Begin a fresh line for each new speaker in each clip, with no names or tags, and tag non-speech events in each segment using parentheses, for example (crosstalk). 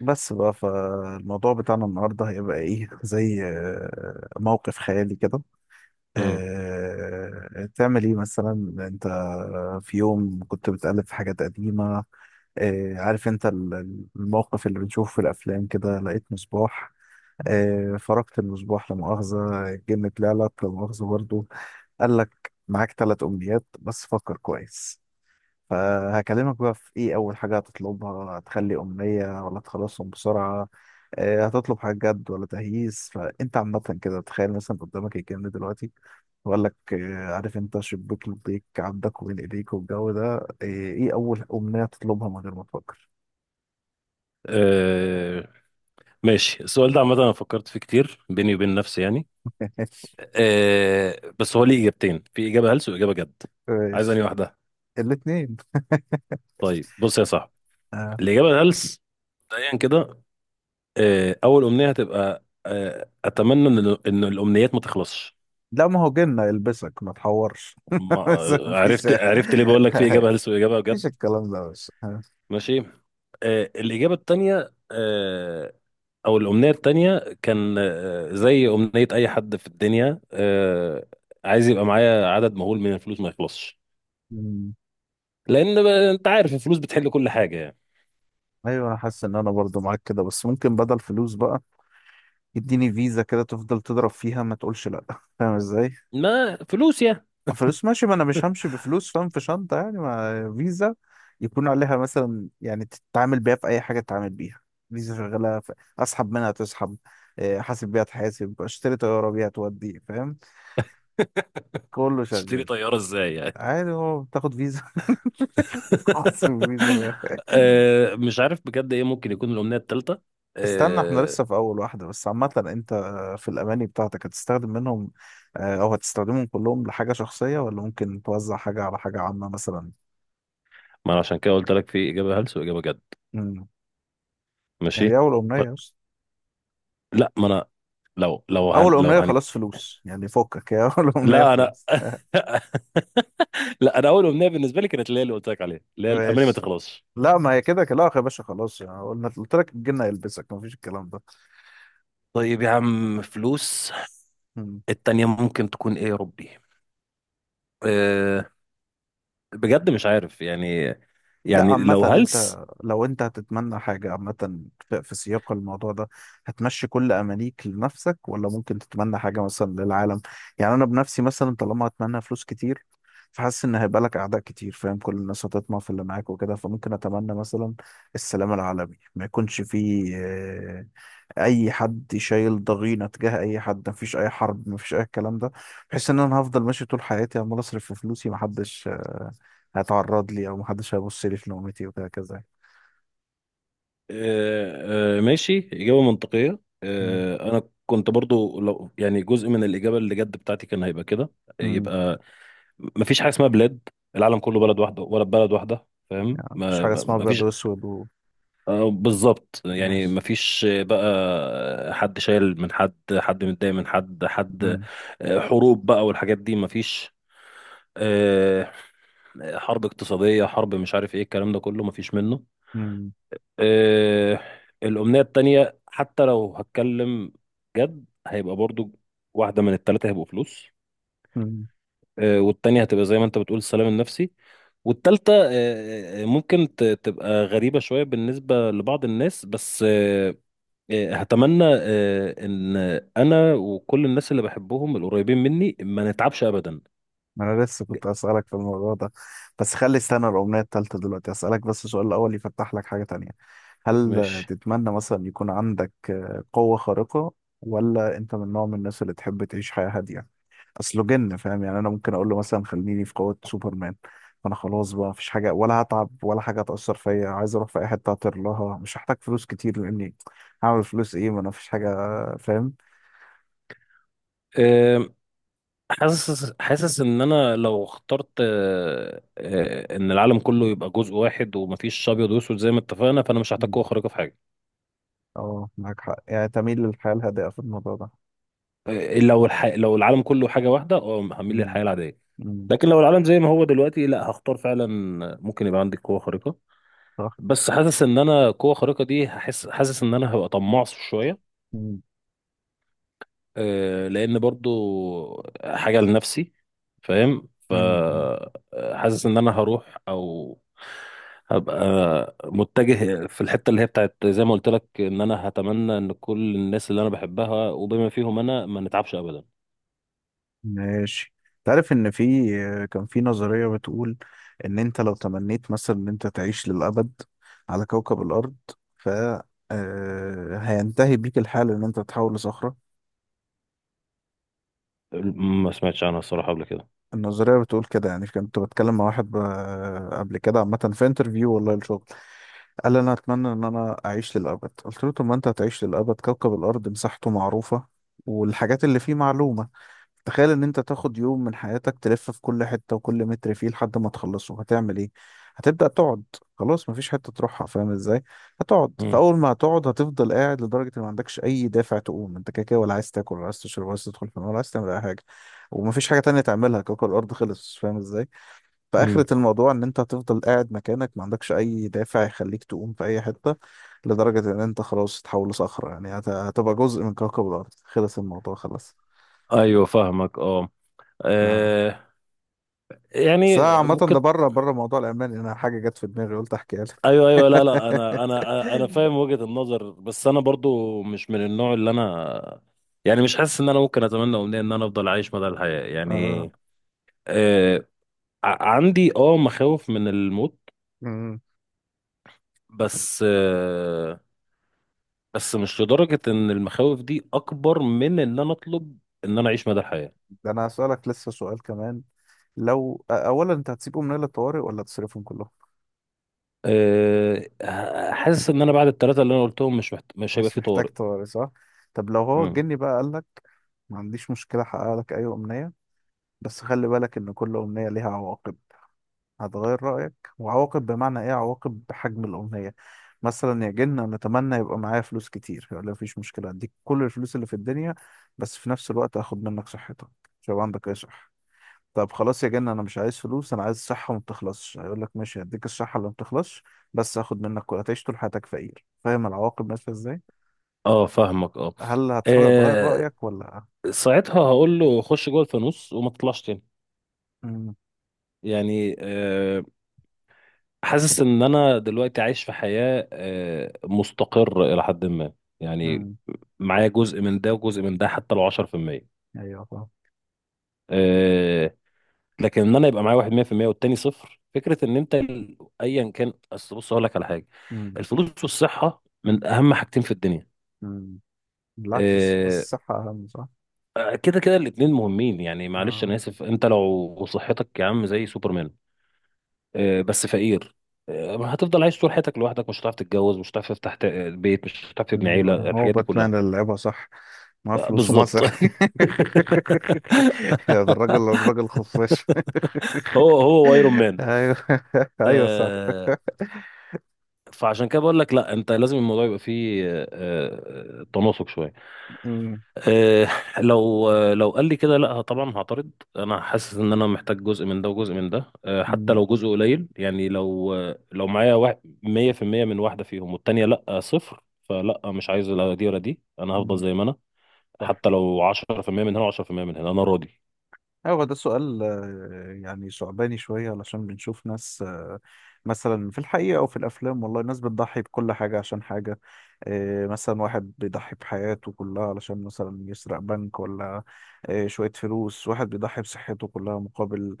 بس بقى فالموضوع بتاعنا النهارده هيبقى ايه زي موقف خيالي كده.
امم
تعمل ايه مثلا؟ انت. في يوم كنت بتقلب في حاجات قديمة. عارف انت الموقف اللي بنشوفه في الافلام كده لقيت مصباح. فرقت المصباح لا مؤاخذة الجن طلع لك لا مؤاخذة برضه. قال لك معاك ثلاث امنيات بس فكر كويس. فهكلمك بقى في ايه اول حاجة هتطلبها، هتخلي أمنية ولا تخلصهم بسرعة؟ هتطلب حاجة جد ولا تهييس؟ فانت عامة كده تخيل مثلا قدامك الكلام ده دلوقتي. بقول لك عارف انت شباك لبيك عندك وبين ايديك والجو ده، ايه اول أمنية تطلبها من غير ما تفكر؟
أه ماشي. السؤال ده عامة أنا فكرت فيه كتير بيني وبين نفسي يعني.
(laughs) ماشي.
بس هو ليه إجابتين؟ في إجابة هلس وإجابة جد، عايز أنهي
ماشي.
واحدة؟
الاتنين.
طيب بص يا صاحبي،
آه.
الإجابة الهلس مبدئيا كده، أول أمنية هتبقى أتمنى إن الأمنيات ما تخلصش.
لا ما هو جنة يلبسك ما تحورش. (laughs)
ما
بس مفيش.
عرفت ليه بقول لك في إجابة هلس وإجابة
(laughs)
جد.
مفيش الكلام ده بس.
ماشي، الإجابة التانية، او الامنيه التانية كان زي امنيه اي حد في الدنيا، عايز يبقى معايا عدد مهول من الفلوس ما يخلصش، لان انت عارف الفلوس بتحل كل حاجه يعني.
ايوه، انا حاسس ان انا برضو معاك كده، بس ممكن بدل فلوس بقى اديني فيزا كده تفضل تضرب فيها ما تقولش لا. (laughs) فاهم ازاي؟
ما فلوس يعني.
فلوس ماشي، ما انا مش همشي بفلوس فاهم؟ في شنطة يعني ما فيزا يكون عليها مثلا يعني تتعامل بيها في اي حاجة تتعامل بيها. فيزا شغالة اسحب منها تسحب، احاسب بيها تحاسب، اشتري طيارة بيها تودي، فاهم؟
(laughs)
كله
تشتري
شغال.
طياره ازاي يعني؟
عادي هو بتاخد فيزا. (laughs) عصر
(laughs)
فيزا. (laughs)
مش عارف بجد ايه ممكن يكون الامنيه التالتة.
استنى احنا
آه،
لسه في اول واحدة. بس عامة انت، في الاماني بتاعتك هتستخدم منهم، او هتستخدمهم كلهم لحاجة شخصية، ولا ممكن توزع حاجة على حاجة عامة مثلا؟
ما انا عشان كده قلت لك في اجابه هلس واجابه جد.
امم. دي
ماشي.
اول
ف...
امنية بس.
لا ما انا، لو لو هن...
اول
لو
امنية
هن...
خلاص فلوس، يعني فكك يا (laughs) اول امنية
لا انا
فلوس. (laughs)
(laughs) لا انا اول امنيه بالنسبه لي كانت اللي هي اللي قلت لك عليها، اللي هي الاماني ما
ماشي.
تخلصش.
لا ما هي كده كده، لا يا باشا خلاص يعني قلنا قلت لك الجن هيلبسك مفيش الكلام ده.
طيب يا عم، فلوس.
مم.
التانية ممكن تكون ايه يا ربي؟ أه بجد مش عارف يعني
لا
يعني
عامة
لو
انت،
هلس.
لو انت هتتمنى حاجة عامة في سياق الموضوع ده، هتمشي كل امانيك لنفسك، ولا ممكن تتمنى حاجة مثلا للعالم؟ يعني انا بنفسي مثلا طالما هتمنى فلوس كتير، فحاسس ان هيبقى لك اعداء كتير فاهم؟ كل الناس هتطمع في اللي معاك وكده. فممكن اتمنى مثلا السلام العالمي، ما يكونش فيه اي حد شايل ضغينة تجاه اي حد، ما فيش اي حرب، ما فيش اي الكلام ده. بحيث ان انا هفضل ماشي طول حياتي عمال اصرف في فلوسي، محدش هيتعرض لي او محدش هيبص لي في نومتي وهكذا.
أه أه ماشي، إجابة منطقية.
مم.
أنا كنت برضو لو يعني جزء من الإجابة اللي جد بتاعتي كان هيبقى كده.
مم.
يبقى مفيش حاجة اسمها بلاد، العالم كله بلد واحدة ولا بلد واحدة، فاهم؟
يعني مفيش حاجه اسمها ابيض
مفيش.
واسود
بالظبط، يعني
ماشي.
مفيش بقى حد شايل من حد، حد متضايق من حد، حد
مم.
حروب بقى والحاجات دي مفيش. آه، حرب اقتصادية، حرب، مش عارف ايه الكلام ده كله، مفيش منه.
مم.
آه، الأمنية التانية حتى لو هتكلم جد هيبقى برضو واحدة من التلاتة هيبقوا فلوس،
مم.
والتانية هتبقى زي ما انت بتقول السلام النفسي، والتالتة ممكن تبقى غريبة شوية بالنسبة لبعض الناس، بس آه، إيه، هتمنى ان انا وكل الناس اللي بحبهم القريبين مني ما نتعبش ابدا.
ما انا لسه كنت اسالك في الموضوع ده، بس خلي استنى الاغنيه التالتة، دلوقتي اسالك بس السؤال الاول يفتح لك حاجه تانية. هل
مش
تتمنى مثلا يكون عندك قوه خارقه، ولا انت من نوع من الناس اللي تحب تعيش حياه هاديه؟ اصله جن فاهم؟ يعني انا ممكن اقول له مثلا خليني في قوة سوبرمان، فانا خلاص بقى مفيش حاجة، ولا هتعب، ولا حاجة هتأثر فيا، عايز اروح في اي حتة هطير لها، مش هحتاج فلوس كتير لاني هعمل فلوس ايه ما انا مفيش حاجة، فاهم؟
آه، حاسس ان انا لو اخترت ان العالم كله يبقى جزء واحد ومفيش ابيض واسود زي ما اتفقنا، فانا مش هحتاج قوه
مم.
خارقه في حاجه.
اه معاك حق، يعني تميل للحياة الهادئة في الموضوع ده.
لو العالم كله حاجه واحده، اه هميل
مم.
للحياه العاديه.
مم.
لكن لو العالم زي ما هو دلوقتي، لا هختار فعلا ممكن يبقى عندي قوه خارقه،
صح.
بس حاسس ان انا قوه خارقه دي هحس، حاسس ان انا هبقى طماع شويه،
مم.
لان برضو حاجه لنفسي، فاهم؟
مم. مم.
فحاسس ان انا هروح او هبقى متجه في الحته اللي هي بتاعت زي ما قلت لك، ان انا هتمنى ان كل الناس اللي انا بحبها وبما فيهم انا ما نتعبش ابدا.
ماشي. تعرف ان في، كان في نظرية بتقول ان انت لو تمنيت مثلا ان انت تعيش للأبد على كوكب الأرض، ف هينتهي بيك الحال ان انت تتحول لصخرة.
ما سمعتش عنها الصراحه قبل كده.
النظرية بتقول كده. يعني كنت بتكلم مع واحد قبل كده عامة في انترفيو والله الشغل، قال انا اتمنى ان انا اعيش للأبد. قلت له طب ما انت هتعيش للأبد، كوكب الأرض مساحته معروفة والحاجات اللي فيه معلومة. تخيل ان انت تاخد يوم من حياتك تلف في كل حتة وكل متر فيه، لحد ما تخلصه هتعمل ايه؟ هتبدأ تقعد. خلاص مفيش حتة تروحها فاهم ازاي؟ هتقعد.
مم.
فاول ما هتقعد هتفضل قاعد لدرجة ان ما عندكش اي دافع تقوم، انت كده كده ولا عايز تاكل ولا عايز تشرب ولا عايز تدخل في النار ولا عايز تعمل اي حاجة، ومفيش حاجة تانية تعملها، كوكب الارض خلص فاهم ازاي؟
مم.
فآخرة الموضوع ان انت هتفضل قاعد مكانك، ما عندكش اي دافع يخليك تقوم في اي حتة، لدرجة ان انت خلاص تتحول لصخرة، يعني هتبقى جزء من كوكب الارض، خلص الموضوع خلاص.
ايوه فاهمك، اه.
آه.
آه،
بس
يعني
أنا عامة ده
ممكن.
بره بره موضوع الألماني، أنا حاجة جت في دماغي قلت أحكيها لك.
ايوه ايوه، لا لا،
(laughs)
انا فاهم وجهة النظر، بس انا برضو مش من النوع اللي انا يعني مش حاسس ان انا ممكن اتمنى امنية ان انا افضل عايش مدى الحياة يعني.
آه.
آه عندي مخاوف من الموت،
أمم.
بس آه بس مش لدرجة ان المخاوف دي اكبر من ان انا اطلب ان انا اعيش مدى الحياة.
ده أنا هسألك لسه سؤال كمان. لو أولا أنت هتسيبهم نايل الطوارئ ولا تصرفهم كلهم؟
حاسس ان انا بعد الثلاثة اللي انا قلتهم مش هيبقى
مش
في
محتاج
طوارئ.
طوارئ صح؟ طب لو هو
مم.
الجني بقى قال لك ما عنديش مشكلة أحقق لك أي أمنية، بس خلي بالك إن كل أمنية ليها عواقب، هتغير رأيك؟ وعواقب بمعنى ايه؟ عواقب بحجم الأمنية. مثلا يا جن أنا أتمنى يبقى معايا فلوس كتير، يقول لي مفيش مشكلة أديك كل الفلوس اللي في الدنيا، بس في نفس الوقت هاخد منك صحتك، مش هيبقى عندك أي صحة. طب خلاص يا جن أنا مش عايز فلوس، أنا عايز صحة ما بتخلصش، هيقول لك ماشي هديك الصحة اللي ما بتخلصش، بس هاخد منك كل، هتعيش طول حياتك فقير، فاهم العواقب ماشية ازاي؟
اه فاهمك، اه.
هل هتغير
آه،
رأيك ولا؟
ساعتها هقول له خش جوه الفانوس وما تطلعش تاني،
امم.
يعني حاسس ان انا دلوقتي عايش في حياة مستقر الى حد ما، يعني
امم.
معايا جزء من ده وجزء من ده حتى لو 10%،
أيوه فاهم.
آه، لكن ان انا يبقى معايا واحد 100% والتاني صفر، فكرة ان انت ايا كان. اصل بص هقول لك على حاجة،
امم.
الفلوس والصحة من اهم حاجتين في الدنيا.
امم. بالعكس، حاسس
آه،
الصحة أهم صح؟
كده كده الاتنين مهمين يعني، معلش
اه.
انا اسف، انت لو صحتك يا عم زي سوبرمان، بس فقير، ما هتفضل عايش طول حياتك لوحدك، مش هتعرف تتجوز، مش هتعرف تفتح بيت، مش هتعرف تبني عيلة،
ايوه هو
الحاجات دي
باتمان
كلها.
اللي لعبها صح، معاه فلوس ومعاه
بالظبط. (laughs)
صح. (laughs) يا ده الراجل الراجل خفاش.
هو هو ايرون
(laughs)
مان.
ايوه. ايوه صح.
آه، فعشان كده بقول لك لا، انت لازم الموضوع يبقى فيه تناسق شوية.
أمم،
آه، لو لو قال لي كده، لا طبعا هعترض، انا حاسس ان انا محتاج جزء من ده وجزء من ده حتى
أمم،
لو جزء قليل يعني. لو لو معايا 100% من واحده فيهم والتانيه لا صفر، فلا مش عايز لا دي ولا دي، انا هفضل
أمم،
زي ما انا.
صح.
حتى لو 10% من هنا و10% من هنا انا راضي.
أيوة، هو ده سؤال يعني صعباني شوية، علشان بنشوف ناس مثلا في الحقيقة أو في الأفلام والله، ناس بتضحي بكل حاجة عشان حاجة. مثلا واحد بيضحي بحياته كلها علشان مثلا يسرق بنك، ولا شوية فلوس. واحد بيضحي بصحته كلها مقابل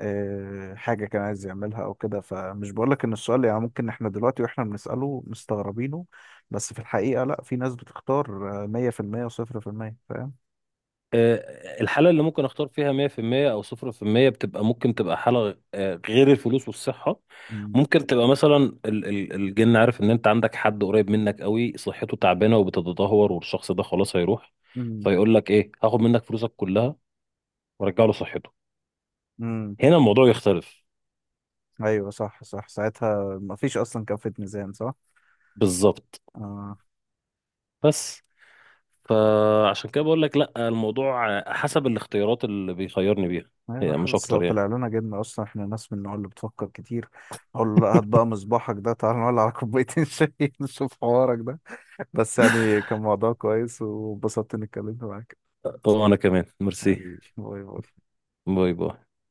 حاجة كان عايز يعملها أو كده. فمش بقولك إن السؤال يعني ممكن إحنا دلوقتي وإحنا بنسأله مستغربينه، بس في الحقيقة لأ، في ناس بتختار 100% و0%، فاهم؟
الحالة اللي ممكن اختار فيها 100% او 0% بتبقى ممكن تبقى حالة غير الفلوس والصحة.
مم.
ممكن تبقى مثلا، الجن عارف ان انت عندك حد قريب منك قوي صحته تعبانة وبتتدهور والشخص ده خلاص هيروح، فيقول لك ايه، هاخد منك فلوسك كلها وارجع له صحته.
مم.
هنا الموضوع يختلف.
ايوه صح صح، ساعتها ما فيش اصلا كفة ميزان صح.
بالظبط.
آه.
بس فعشان كده بقول لك لا، الموضوع حسب الاختيارات اللي بيخيرني بيها.
ايوه
هي مش
حاسس لو
اكتر يعني.
طلع لنا جبنة اصلا احنا ناس من النوع اللي بتفكر كتير، اقول له لا هات بقى مصباحك ده، تعال نولع على كوبايتين (laughs) شاي نشوف حوارك ده. بس يعني كان موضوع كويس وانبسطت اني اتكلمت معاك.
وانا كمان ميرسي.
حبيبي باي باي.
باي باي.